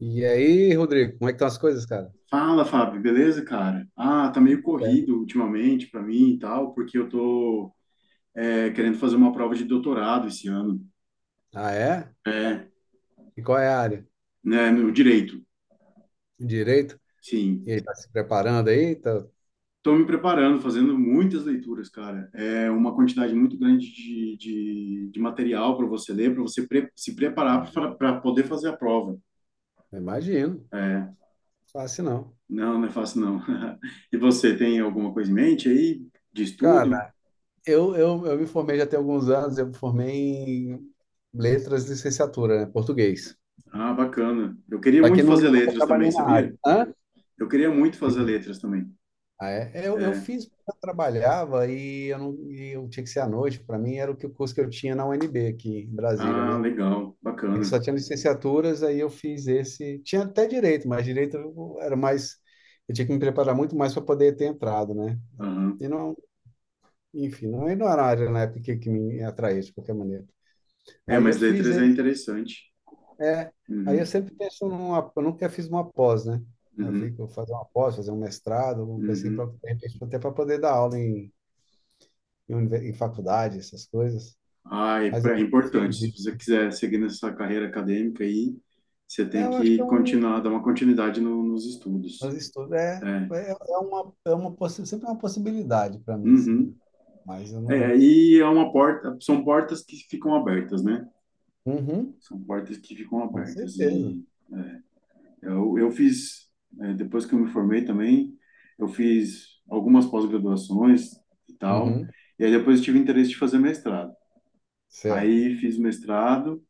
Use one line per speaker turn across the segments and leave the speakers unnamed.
E aí, Rodrigo, como é que estão as coisas, cara?
Fala, Fábio, beleza, cara? Ah, tá meio
Certo.
corrido ultimamente pra mim e tal, porque eu tô querendo fazer uma prova de doutorado esse ano,
Ah, é?
é,
E qual é a área?
né, no direito,
Direito? E
sim.
aí, tá se preparando aí? Tá...
Tô me preparando, fazendo muitas leituras, cara. É uma quantidade muito grande de material para você ler, para você se preparar
Eu.
para poder fazer a prova.
Imagino. Fácil não.
Não, não é fácil, não. E você tem alguma coisa em mente aí de estudo?
Cara, eu me formei já tem alguns anos, eu me formei em letras de licenciatura, né? Português.
Ah, bacana. Eu queria
Só que
muito
não,
fazer
eu nunca
letras também,
trabalhei na área.
sabia?
Hã?
Eu queria muito fazer letras também.
Ah, é? Eu
É.
fiz, porque eu trabalhava e eu, não, e eu tinha que ser à noite, para mim era o que o curso que eu tinha na UNB aqui em Brasília,
Ah,
né?
legal,
É que
bacana.
só tinha licenciaturas, aí eu fiz esse. Tinha até direito, mas era mais. Eu tinha que me preparar muito mais para poder ter entrado, né?
Aham.
E não, enfim, não, e não era uma área na época que me atraía de qualquer maneira.
É,
Aí eu
mas
fiz
letras é
esse.
interessante.
É, aí eu
Uhum,
sempre penso numa. Eu nunca fiz uma pós, né? Eu
uhum,
fico fazer uma pós, fazer um mestrado, alguma coisa assim, pra,
uhum.
de repente, até para poder dar aula em em faculdade, essas coisas.
Ah, é,
Mas eu
é
não
importante.
fiz
Se você
isso.
quiser seguir nessa carreira acadêmica aí, você
É,
tem
eu acho que
que
é um
continuar, dar uma continuidade nos estudos.
Mas estudo
É.
é uma, sempre é uma possibilidade para mim, assim.
Uhum.
Mas eu
É,
não.
e é uma porta, são portas que ficam abertas, né?
Uhum,
São portas que ficam
com
abertas.
certeza.
E eu fiz, depois que eu me formei também, eu fiz algumas pós-graduações e tal,
Uhum,
e aí depois eu tive interesse de fazer mestrado.
certo.
Aí fiz mestrado,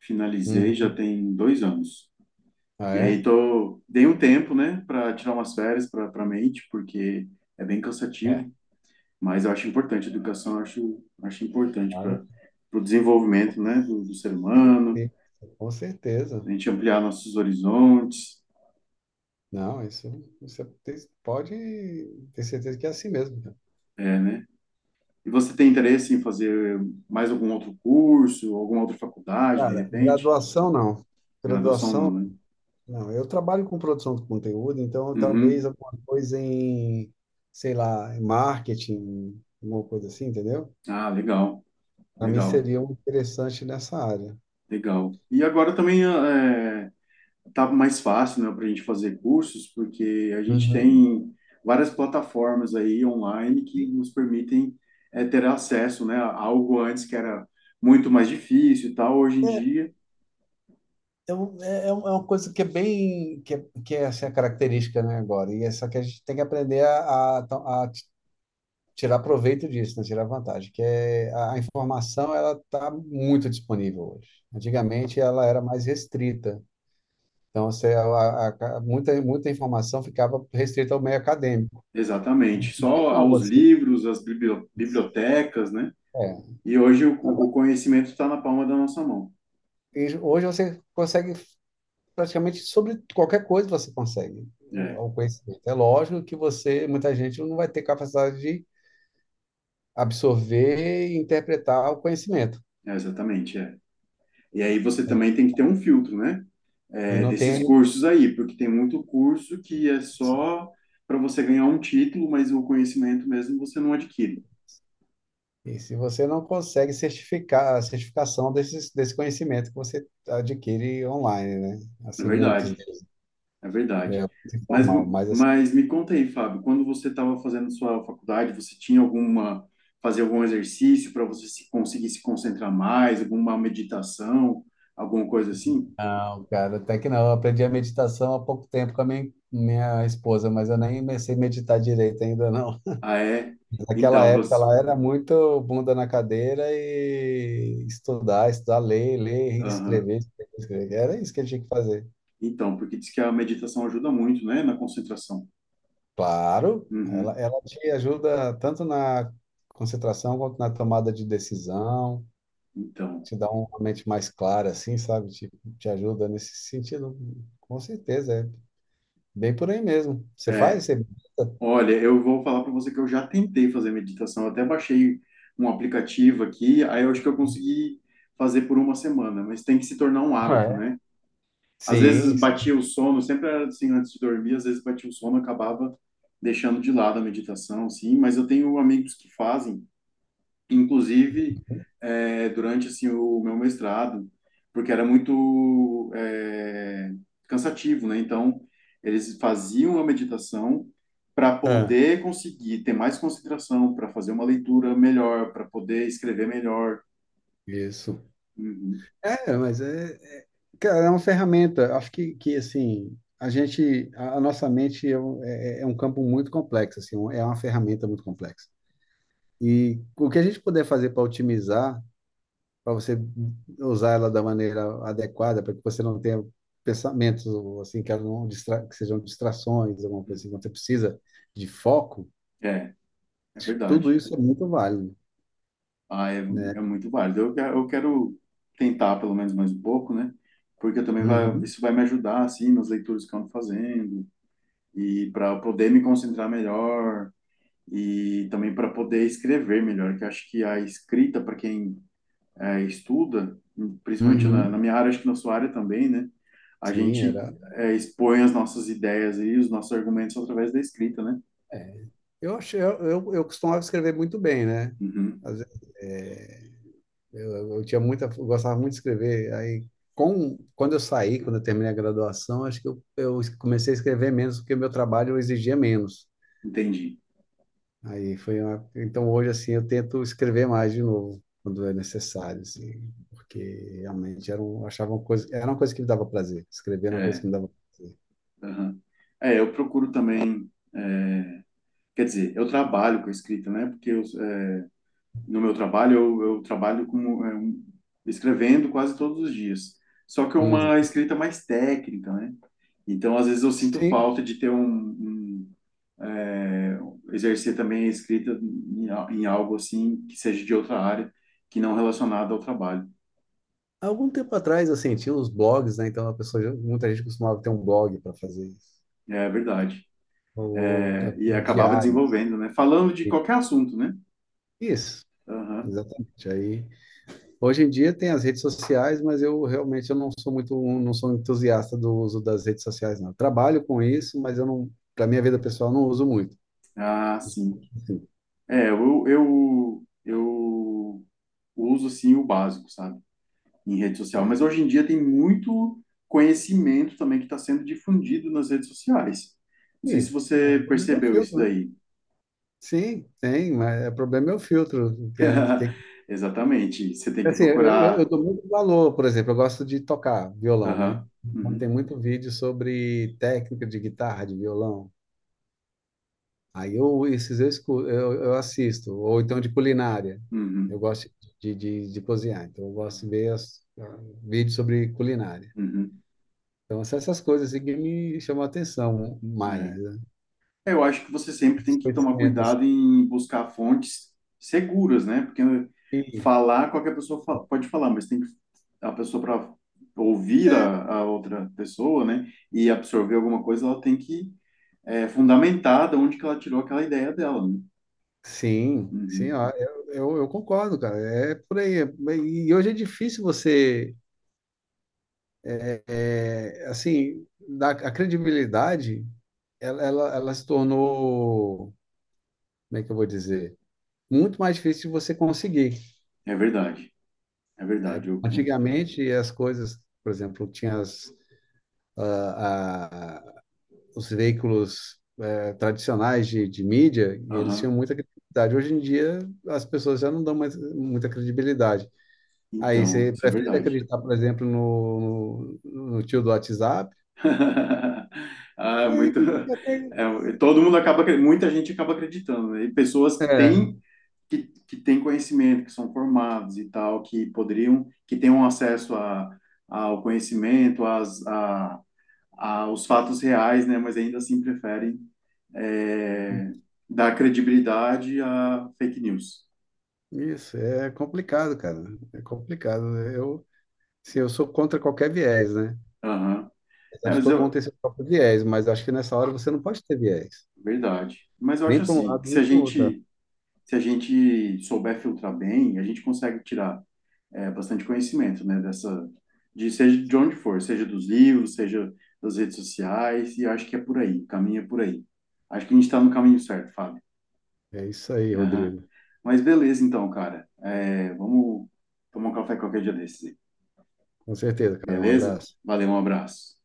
finalizei,
Uhum.
já tem 2 anos.
Ah,
E aí
é?
tô, dei um tempo, né, para tirar umas férias para para mente, porque é bem
É.
cansativo, mas eu acho importante, a educação eu acho, acho importante
Cara,
para o desenvolvimento, né, do ser humano,
sim, com certeza.
a gente ampliar nossos horizontes,
Não, isso é- pode ter certeza que é assim mesmo. Cara.
é, né. E você tem interesse em fazer mais algum outro curso, alguma outra faculdade, de
Cara,
repente?
graduação não.
Graduação não,
Graduação,
né?
não. Eu trabalho com produção de conteúdo, então talvez
Uhum.
alguma coisa em, sei lá, em marketing, alguma coisa assim, entendeu?
Ah, legal,
Para mim
legal,
seria um interessante nessa área.
legal. E agora também tá mais fácil, né, para a gente fazer cursos, porque a gente
Uhum.
tem várias plataformas aí online que nos permitem ter acesso, né, a algo antes que era muito mais difícil e tal, hoje em
É,
dia,
é é uma coisa que é bem, que é assim, a característica, né, agora. E é só que a gente tem que aprender a tirar proveito disso, né, tirar vantagem, que é a informação ela está muito disponível hoje. Antigamente ela era mais restrita. Então, você, muita, muita informação ficava restrita ao meio acadêmico.
exatamente, só
Não,
aos
você...
livros, às bibliotecas, né?
É.
E hoje o
Agora,
conhecimento está na palma da nossa mão.
e hoje você consegue praticamente sobre qualquer coisa você consegue
É,
o conhecimento. É lógico que você, muita gente não vai ter capacidade de absorver e interpretar o conhecimento,
é, exatamente, é. E aí você
né?
também tem que ter um filtro, né?
E
É,
não
desses
tem
cursos aí, porque tem muito curso que é só para você ganhar um título, mas o conhecimento mesmo você não adquire.
e se você não consegue certificar a certificação desses desse conhecimento que você adquire online, né?
É
Assim, muitos
verdade,
deles.
é
É
verdade.
muito
Mas,
informal, mas assim,
mas me conta aí, Fábio, quando você estava fazendo sua faculdade, você tinha alguma, fazer algum exercício para você se, conseguir se concentrar mais, alguma meditação, alguma coisa assim?
não, cara, até que não. Eu aprendi a meditação há pouco tempo com a minha esposa, mas eu nem comecei a meditar direito ainda, não.
Ah, é?
Naquela
Então,
época
você,
ela era muito bunda na cadeira e estudar, estudar, ler, ler,
aham.
escrever, escrever, escrever. Era isso que ele tinha que fazer.
Então, porque diz que a meditação ajuda muito, né, na concentração.
Claro,
Uhum.
ela te ajuda tanto na concentração quanto na tomada de decisão,
Então,
te dá uma mente mais clara, assim, sabe? Te ajuda nesse sentido, com certeza. É bem por aí mesmo. Você
é,
faz? Você...
olha, eu vou falar para você que eu já tentei fazer meditação, eu até baixei um aplicativo aqui, aí eu acho que eu consegui fazer por uma semana, mas tem que se tornar um
Ah,
hábito,
é?
né? Às vezes
Sim, sim.
batia o sono, sempre era assim antes de dormir, às vezes batia o sono, acabava deixando de lado a meditação, sim, mas eu tenho amigos que fazem inclusive durante assim o meu mestrado, porque era muito cansativo, né? Então eles faziam a meditação para
Ah,
poder conseguir ter mais concentração, para fazer uma leitura melhor, para poder escrever melhor.
isso.
Uhum,
É, mas é, é- cara, é uma ferramenta. Acho que assim, a gente, a nossa mente é um campo muito complexo, assim, é uma ferramenta muito complexa. E o que a gente puder fazer para otimizar, para você usar ela da maneira adequada, para que você não tenha pensamentos assim que, ela não distra, que sejam distrações, alguma coisa
uhum.
assim, quando você precisa de foco,
É, é
tudo
verdade.
isso é muito válido,
Ah, é,
né?
é muito válido. Eu quero tentar pelo menos mais um pouco, né? Porque também vai,
Uhum,
isso vai me ajudar assim nas leituras que eu ando fazendo, e para poder me concentrar melhor e também para poder escrever melhor, que eu acho que a escrita, para quem estuda, principalmente
uhum.
minha área, acho que na sua área também, né? A
Sim,
gente
era.
expõe as nossas ideias e os nossos argumentos através da escrita, né?
É. Eu achei, eu costumava escrever muito bem, né?
Uhum,
Às vezes, é, eu tinha muita, eu gostava muito de escrever. Aí, com, quando eu saí, quando eu terminei a graduação, acho que eu comecei a escrever menos porque meu trabalho exigia menos.
entendi.
Aí foi uma, então hoje assim eu tento escrever mais de novo quando é necessário, assim, porque realmente era um, achava uma coisa, era uma coisa que me dava prazer. Escrever era uma coisa
É,
que me dava prazer.
uhum. É, eu procuro também, é, quer dizer, eu trabalho com a escrita, né? Porque eu, no meu trabalho, eu trabalho como, escrevendo quase todos os dias. Só que é
Uhum.
uma escrita mais técnica, né? Então, às vezes, eu sinto
Sim,
falta de ter é, exercer também a escrita em, em algo assim que seja de outra área, que não relacionada ao trabalho.
há algum tempo atrás, eu senti os blogs, né? Então a pessoa, já- muita gente costumava ter um blog para fazer isso,
É verdade.
ou di-
É, e acabava
diários.
desenvolvendo, né? Falando de
E-
qualquer assunto, né?
isso,
Aham.
exatamente. Aí, hoje em dia tem as redes sociais, mas eu realmente eu não sou muito, não sou um entusiasta do uso das redes sociais, não. Trabalho com isso, mas eu não, para minha vida pessoal, não uso muito.
Ah, sim.
Assim,
É, eu uso, assim, o básico, sabe? Em rede social. Mas
é.
hoje em dia tem muito conhecimento também que está sendo difundido nas redes sociais. Não sei se
Sim, é, o
você
problema é o
percebeu isso
filtro, né?
daí.
Sim, tem, mas é, o problema é o filtro, que é, que
Exatamente. Você tem que
Assim, eu
procurar.
dou muito valor, por exemplo, eu gosto de tocar violão, né?
Aham.
Então tem
Uhum.
muito vídeo sobre técnica de guitarra, de violão. Aí eu, esses eu, escu- eu assisto, ou então de culinária. Eu
Uhum.
gosto de cozinhar, então eu gosto de ver as, vídeos sobre culinária.
Uhum.
Então são essas coisas assim, que me chamam a atenção mais,
É.
né?
Eu acho que você sempre
Os
tem que tomar
conhecimentos. Assim.
cuidado em buscar fontes seguras, né? Porque
E,
falar, qualquer pessoa pode falar, mas tem que a pessoa para ouvir
é,
a outra pessoa, né? E absorver alguma coisa, ela tem que fundamentada onde que ela tirou aquela ideia dela, né?
sim, sim,
Uhum.
ó, eu concordo, cara. É por aí. É- e hoje é difícil você assim, da, a credibilidade, ela se tornou, como é que eu vou dizer, muito mais difícil de você conseguir.
É verdade, é verdade.
Antigamente, as coisas, por exemplo, tinha as, ah, ah, os veículos tradicionais de mídia e eles tinham
Aham.
muita credibilidade. Hoje em dia, as pessoas já não dão mais muita credibilidade. Aí
Então,
você
isso é
prefere
verdade.
acreditar, por exemplo, no, no tio do WhatsApp?
Ah, é
Aí,
muito.
até,
É, todo mundo acaba, muita gente acaba acreditando, né? E pessoas
é,
que têm conhecimento, que são formados e tal, que poderiam, que tenham acesso a, ao conhecimento, às, a, aos fatos reais, né? Mas ainda assim preferem é, dar credibilidade a fake news.
isso, é complicado, cara. É complicado. Né? Eu, sim, eu sou contra qualquer viés, né?
Aham. É,
Apesar de
mas
todo mundo
eu,
ter seu próprio viés, mas acho que nessa hora você não pode ter viés.
verdade. Mas eu acho
Nem para um
assim, que
lado,
se
nem
a
para o outro. Tá?
gente, se a gente souber filtrar bem, a gente consegue tirar bastante conhecimento, né, dessa, de seja de onde for, seja dos livros, seja das redes sociais, e eu acho que é por aí, o caminho é por aí. Acho que a gente está no caminho certo, Fábio.
É isso aí,
Aham.
Rodrigo.
Mas beleza então, cara. É, vamos tomar um café qualquer dia desse.
Com certeza, cara. Um
Beleza?
abraço.
Valeu, um abraço.